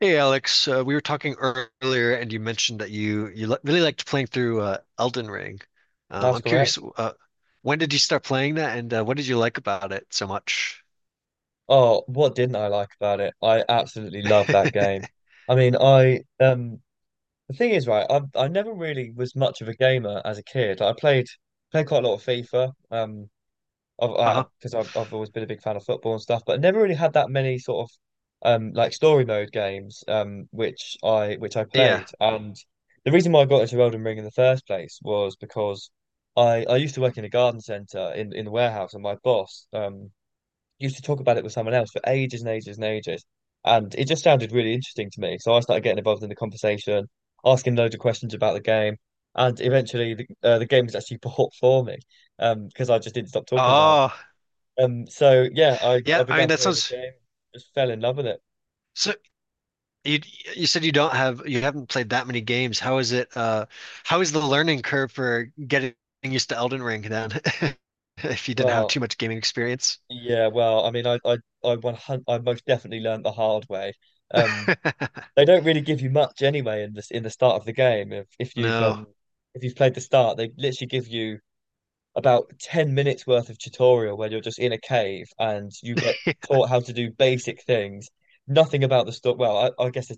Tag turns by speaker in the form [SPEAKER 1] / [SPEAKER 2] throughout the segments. [SPEAKER 1] Hey Alex, we were talking earlier, and you mentioned that you li really liked playing through Elden Ring.
[SPEAKER 2] That's
[SPEAKER 1] I'm curious,
[SPEAKER 2] correct.
[SPEAKER 1] when did you start playing that, and what did you like about it so much?
[SPEAKER 2] Oh, what didn't I like about it? I absolutely love that game. I mean, I the thing is, right, I never really was much of a gamer as a kid. I played quite a lot of FIFA, of
[SPEAKER 1] Uh-huh.
[SPEAKER 2] because I've always been a big fan of football and stuff, but I never really had that many sort of like story mode games which I
[SPEAKER 1] Yeah.
[SPEAKER 2] played. And the reason why I got into Elden Ring in the first place was because I used to work in a garden centre in the warehouse, and my boss used to talk about it with someone else for ages and ages and ages. And it just sounded really interesting to me. So I started getting involved in the conversation, asking loads of questions about the game. And eventually the game was actually bought for me, because I just didn't stop talking about it.
[SPEAKER 1] Oh,
[SPEAKER 2] So yeah,
[SPEAKER 1] yeah.
[SPEAKER 2] I
[SPEAKER 1] I mean,
[SPEAKER 2] began
[SPEAKER 1] that
[SPEAKER 2] playing the
[SPEAKER 1] sounds
[SPEAKER 2] game, just fell in love with it.
[SPEAKER 1] so. You you said you don't have you haven't played that many games. How is it? How is the learning curve for getting used to Elden Ring then, if you didn't have
[SPEAKER 2] Well,
[SPEAKER 1] too much gaming experience?
[SPEAKER 2] yeah, well, I mean, 100, I most definitely learned the hard way. Um, they don't really give you much anyway in this in the start of the game.
[SPEAKER 1] No.
[SPEAKER 2] If you've played the start, they literally give you about 10 minutes worth of tutorial where you're just in a cave and you get taught how to do basic things. Nothing about the story. Well, I guess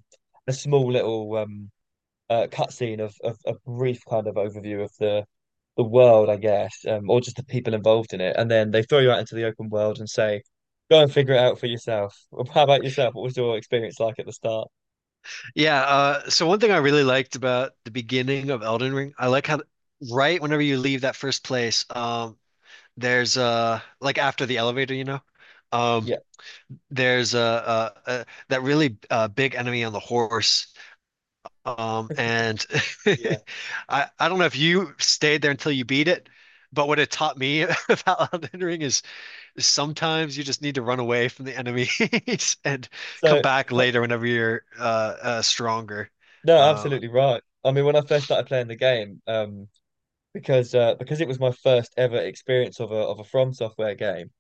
[SPEAKER 2] a small little cutscene of a brief kind of overview of the world, I guess, or just the people involved in it. And then they throw you out into the open world and say, go and figure it out for yourself. Well, how about yourself? What was your experience like at the start?
[SPEAKER 1] Yeah, so one thing I really liked about the beginning of Elden Ring, I like how right whenever you leave that first place, there's like after the elevator, um,
[SPEAKER 2] Yeah,
[SPEAKER 1] there's that really big enemy on the horse, and
[SPEAKER 2] yeah.
[SPEAKER 1] I don't know if you stayed there until you beat it, but what it taught me about Elden Ring is sometimes you just need to run away from the enemies and come
[SPEAKER 2] So,
[SPEAKER 1] back later whenever you're stronger.
[SPEAKER 2] no,
[SPEAKER 1] Uh,
[SPEAKER 2] absolutely right. I mean, when I first started playing the game, because it was my first ever experience of a From Software game.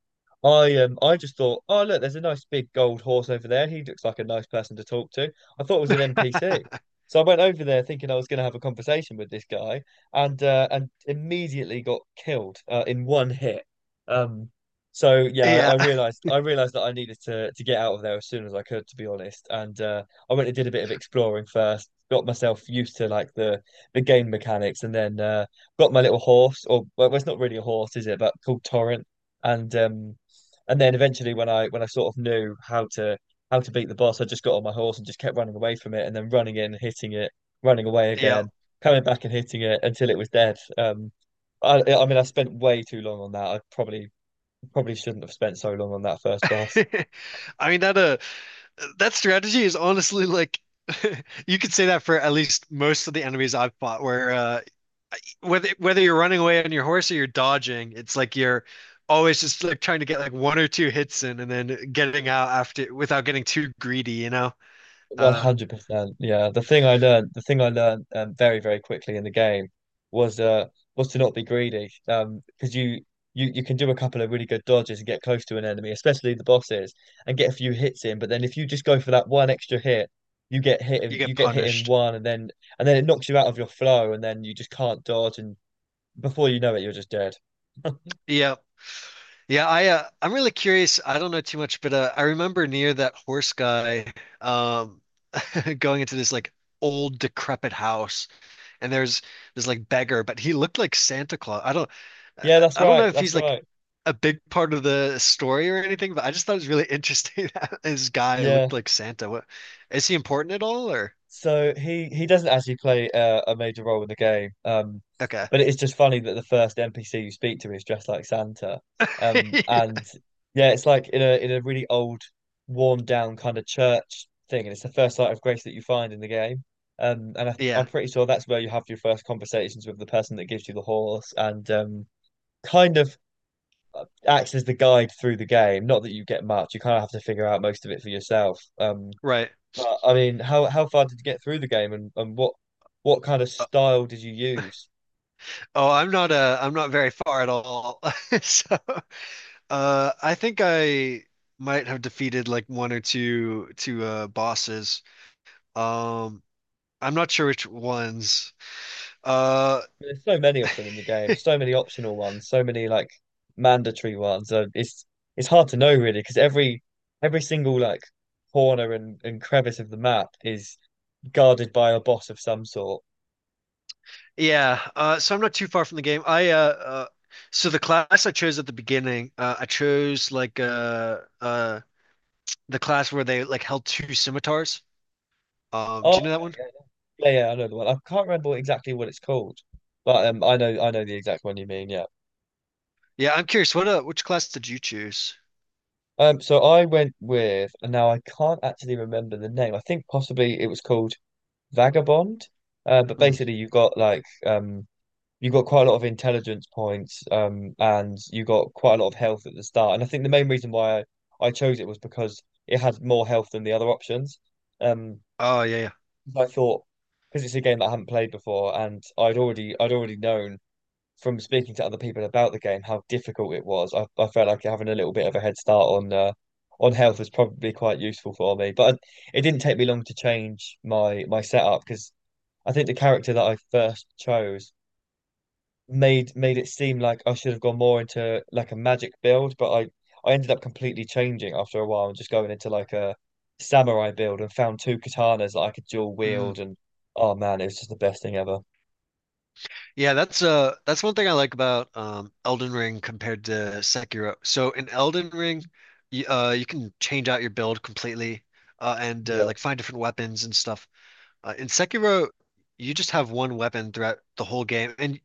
[SPEAKER 2] I just thought, oh look, there's a nice big gold horse over there. He looks like a nice person to talk to. I thought it was an NPC. So I went over there thinking I was going to have a conversation with this guy, and immediately got killed in one hit. Um, so yeah,
[SPEAKER 1] Yeah,
[SPEAKER 2] I realized that I needed to get out of there as soon as I could, to be honest. And I went and did a bit of exploring first, got myself used to like the game mechanics, and then got my little horse, or well, it's not really a horse, is it? But called Torrent, and um, and then eventually, when I sort of knew how to beat the boss, I just got on my horse and just kept running away from it, and then running in, hitting it, running away
[SPEAKER 1] yeah.
[SPEAKER 2] again, coming back and hitting it until it was dead. I mean, I spent way too long on that. I probably probably shouldn't have spent so long on that first boss.
[SPEAKER 1] I mean that that strategy is honestly like you could say that for at least most of the enemies I've fought where whether you're running away on your horse or you're dodging, it's like you're always just like trying to get like one or two hits in and then getting out after without getting too greedy, you know? Uh,
[SPEAKER 2] 100%. Yeah. The thing I learned, very, very quickly in the game was uh was to not be greedy. Because you can do a couple of really good dodges and get close to an enemy, especially the bosses, and get a few hits in. But then if you just go for that one extra hit,
[SPEAKER 1] you
[SPEAKER 2] you
[SPEAKER 1] get
[SPEAKER 2] get hit in
[SPEAKER 1] punished.
[SPEAKER 2] one, and then it knocks you out of your flow, and then you just can't dodge, and before you know it, you're just dead.
[SPEAKER 1] Yeah. Yeah, I I'm really curious. I don't know too much, but I remember near that horse guy um going into this like old decrepit house and there's this like beggar, but he looked like Santa Claus. I don't,
[SPEAKER 2] Yeah,
[SPEAKER 1] I
[SPEAKER 2] that's
[SPEAKER 1] I don't
[SPEAKER 2] right.
[SPEAKER 1] know if
[SPEAKER 2] That's
[SPEAKER 1] he's like
[SPEAKER 2] right.
[SPEAKER 1] a big part of the story or anything, but I just thought it was really interesting that this guy looked
[SPEAKER 2] Yeah.
[SPEAKER 1] like Santa. What is he important at all or
[SPEAKER 2] So he doesn't actually play a major role in the game,
[SPEAKER 1] okay.
[SPEAKER 2] but it is just funny that the first NPC you speak to is dressed like Santa, and yeah, it's like in a really old, worn down kind of church thing, and it's the first sight of grace that you find in the game, and
[SPEAKER 1] Yeah,
[SPEAKER 2] I'm pretty sure that's where you have your first conversations with the person that gives you the horse, and kind of acts as the guide through the game. Not that you get much, you kind of have to figure out most of it for yourself,
[SPEAKER 1] right.
[SPEAKER 2] but I mean, how far did you get through the game, and what kind of
[SPEAKER 1] Uh,
[SPEAKER 2] style did you use?
[SPEAKER 1] oh, I'm not very far at all. So, I think I might have defeated like one or two bosses. Um, I'm not sure which ones. Uh,
[SPEAKER 2] There's so many of them in the game, so many optional ones, so many like mandatory ones. It's hard to know really because every single like corner and crevice of the map is guarded by a boss of some sort.
[SPEAKER 1] yeah, so I'm not too far from the game. I So the class I chose at the beginning, I chose like the class where they like held two scimitars.
[SPEAKER 2] Oh,
[SPEAKER 1] Do you
[SPEAKER 2] okay,
[SPEAKER 1] know that one?
[SPEAKER 2] yeah, yeah, yeah, I know the one. I can't remember exactly what it's called, but I know the exact one you mean. Yeah.
[SPEAKER 1] Yeah, I'm curious. What which class did you choose?
[SPEAKER 2] So I went with, and now I can't actually remember the name. I think possibly it was called Vagabond. But
[SPEAKER 1] Hmm.
[SPEAKER 2] basically, you got like you got quite a lot of intelligence points, and you got quite a lot of health at the start. And I think the main reason why I chose it was because it had more health than the other options. Um,
[SPEAKER 1] Oh yeah, yeah.
[SPEAKER 2] I thought because it's a game that I have not played before, and I'd already known from speaking to other people about the game how difficult it was. I felt like having a little bit of a head start on health was probably quite useful for me. It didn't take me long to change my setup because I think the character that I first chose made it seem like I should have gone more into like a magic build, but I ended up completely changing after a while and just going into like a samurai build and found two katanas that I could dual
[SPEAKER 1] Mm.
[SPEAKER 2] wield and oh man, it was just the best thing ever.
[SPEAKER 1] Yeah, that's one thing I like about Elden Ring compared to Sekiro. So in Elden Ring, you, you can change out your build completely, and
[SPEAKER 2] Yeah.
[SPEAKER 1] like find different weapons and stuff. In Sekiro, you just have one weapon throughout the whole game, and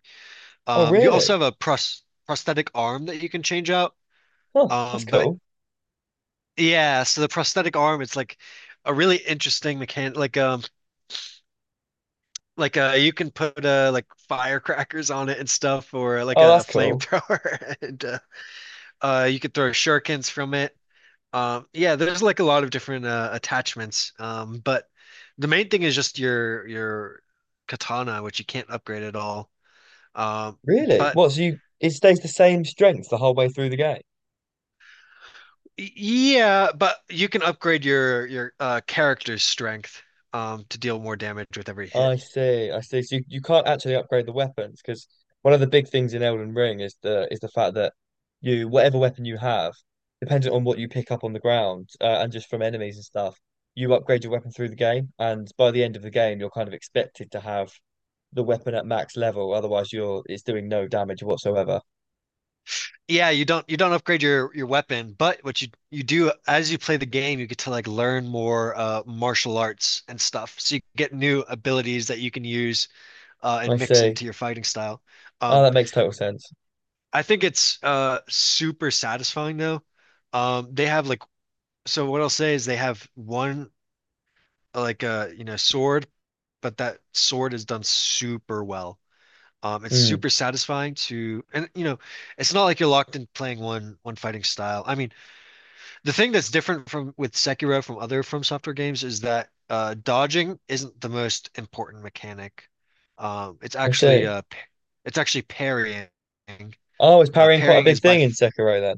[SPEAKER 2] Oh
[SPEAKER 1] you also have
[SPEAKER 2] really?
[SPEAKER 1] a prosthetic arm that you can change out.
[SPEAKER 2] Oh, that's
[SPEAKER 1] But
[SPEAKER 2] cool.
[SPEAKER 1] yeah, so the prosthetic arm, it's like a really interesting mechanic. Like you can put like firecrackers on it and stuff, or like
[SPEAKER 2] Oh,
[SPEAKER 1] a
[SPEAKER 2] that's cool.
[SPEAKER 1] flamethrower, and you could throw shurikens from it. Yeah, there's like a lot of different attachments. But the main thing is just your katana, which you can't upgrade at all. Um,
[SPEAKER 2] Really?
[SPEAKER 1] but
[SPEAKER 2] What, so you it stays the same strength the whole way through the game?
[SPEAKER 1] yeah, but you can upgrade your character's strength to deal more damage with every hit.
[SPEAKER 2] I see, I see. So you can't actually upgrade the weapons because one of the big things in Elden Ring is the fact that you whatever weapon you have, depending on what you pick up on the ground and just from enemies and stuff, you upgrade your weapon through the game, and by the end of the game, you're kind of expected to have the weapon at max level. Otherwise, you're it's doing no damage whatsoever.
[SPEAKER 1] Yeah, you don't upgrade your weapon, but what you do as you play the game, you get to like learn more martial arts and stuff. So you get new abilities that you can use
[SPEAKER 2] I
[SPEAKER 1] and mix
[SPEAKER 2] see.
[SPEAKER 1] into your fighting style.
[SPEAKER 2] Oh,
[SPEAKER 1] Um,
[SPEAKER 2] that makes total sense.
[SPEAKER 1] I think it's super satisfying though. They have like so what I'll say is they have one like you know, sword, but that sword is done super well. It's
[SPEAKER 2] Hmm.
[SPEAKER 1] super satisfying to, and you know, it's not like you're locked in playing one fighting style. I mean, the thing that's different from with Sekiro from other From Software games is that dodging isn't the most important mechanic. It's
[SPEAKER 2] I see.
[SPEAKER 1] actually it's actually parrying.
[SPEAKER 2] Oh, is parrying quite a
[SPEAKER 1] Parrying
[SPEAKER 2] big
[SPEAKER 1] is by,
[SPEAKER 2] thing in
[SPEAKER 1] f
[SPEAKER 2] Sekiro then?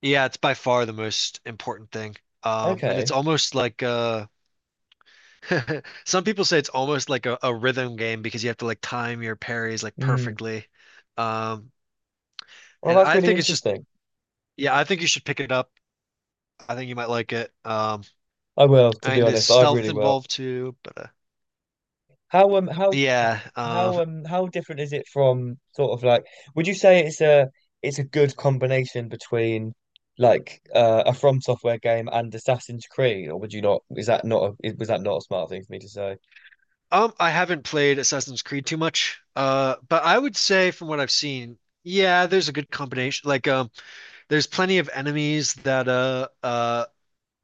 [SPEAKER 1] yeah, it's by far the most important thing. And it's
[SPEAKER 2] Okay.
[SPEAKER 1] almost like some people say it's almost like a rhythm game because you have to like time your parries like
[SPEAKER 2] Mm.
[SPEAKER 1] perfectly. Um,
[SPEAKER 2] Well,
[SPEAKER 1] and
[SPEAKER 2] that's
[SPEAKER 1] I
[SPEAKER 2] really
[SPEAKER 1] think it's just,
[SPEAKER 2] interesting.
[SPEAKER 1] yeah, I think you should pick it up. I think you might like it.
[SPEAKER 2] I will, to be
[SPEAKER 1] And there's
[SPEAKER 2] honest, I
[SPEAKER 1] stealth
[SPEAKER 2] really will.
[SPEAKER 1] involved too, but
[SPEAKER 2] How um how
[SPEAKER 1] yeah.
[SPEAKER 2] how different is it from sort of like would you say it's a good combination between like a From Software game and Assassin's Creed, or would you not? Is that not was that not a smart thing for me to say?
[SPEAKER 1] I haven't played Assassin's Creed too much. But I would say from what I've seen, yeah, there's a good combination. Like, there's plenty of enemies that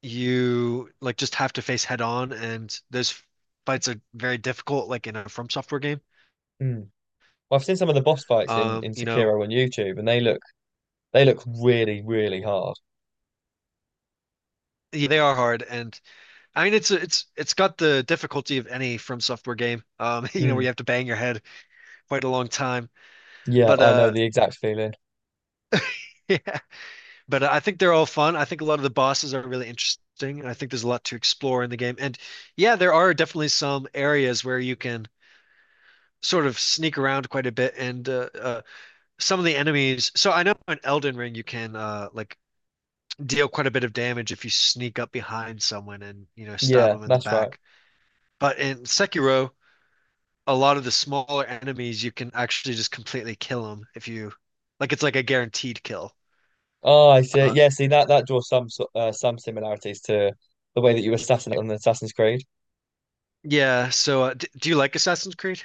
[SPEAKER 1] you like just have to face head on, and those fights are very difficult, like in a From Software game.
[SPEAKER 2] Hmm. Well, I've seen some of the boss fights in
[SPEAKER 1] You know,
[SPEAKER 2] Sekiro on YouTube, and they look really really hard.
[SPEAKER 1] yeah, they are hard, and I mean it's got the difficulty of any From Software game. You know, where you
[SPEAKER 2] Hmm.
[SPEAKER 1] have to bang your head quite a long time.
[SPEAKER 2] Yeah,
[SPEAKER 1] But
[SPEAKER 2] I know the exact feeling.
[SPEAKER 1] yeah, but I think they're all fun. I think a lot of the bosses are really interesting, and I think there's a lot to explore in the game. And yeah, there are definitely some areas where you can sort of sneak around quite a bit, and some of the enemies. So I know in Elden Ring you can like deal quite a bit of damage if you sneak up behind someone and you know stab
[SPEAKER 2] Yeah,
[SPEAKER 1] them in the
[SPEAKER 2] that's right.
[SPEAKER 1] back. But in Sekiro, a lot of the smaller enemies, you can actually just completely kill them if you like. It's like a guaranteed kill.
[SPEAKER 2] Oh, I see.
[SPEAKER 1] Uh,
[SPEAKER 2] Yeah, see that that draws some similarities to the way that you assassinate on the Assassin's Creed.
[SPEAKER 1] yeah. So, d do you like Assassin's Creed?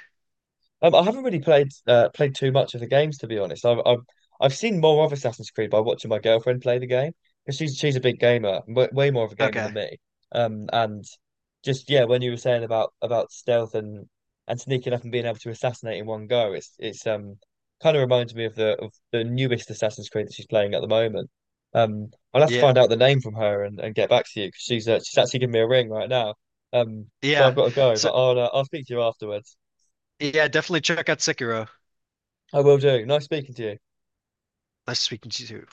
[SPEAKER 2] I haven't really played played too much of the games to be honest. I've seen more of Assassin's Creed by watching my girlfriend play the game because she's a big gamer, w way more of a gamer than
[SPEAKER 1] Okay.
[SPEAKER 2] me. And just yeah, when you were saying about stealth and sneaking up and being able to assassinate in one go, it's kind of reminds me of the newest Assassin's Creed that she's playing at the moment. I'll have to
[SPEAKER 1] Yeah.
[SPEAKER 2] find out the name from her, and get back to you because she's actually giving me a ring right now. So
[SPEAKER 1] Yeah.
[SPEAKER 2] I've got to go, but
[SPEAKER 1] So,
[SPEAKER 2] I'll speak to you afterwards.
[SPEAKER 1] yeah, definitely check out Sekiro.
[SPEAKER 2] I will do. Nice speaking to you.
[SPEAKER 1] Nice speaking to you.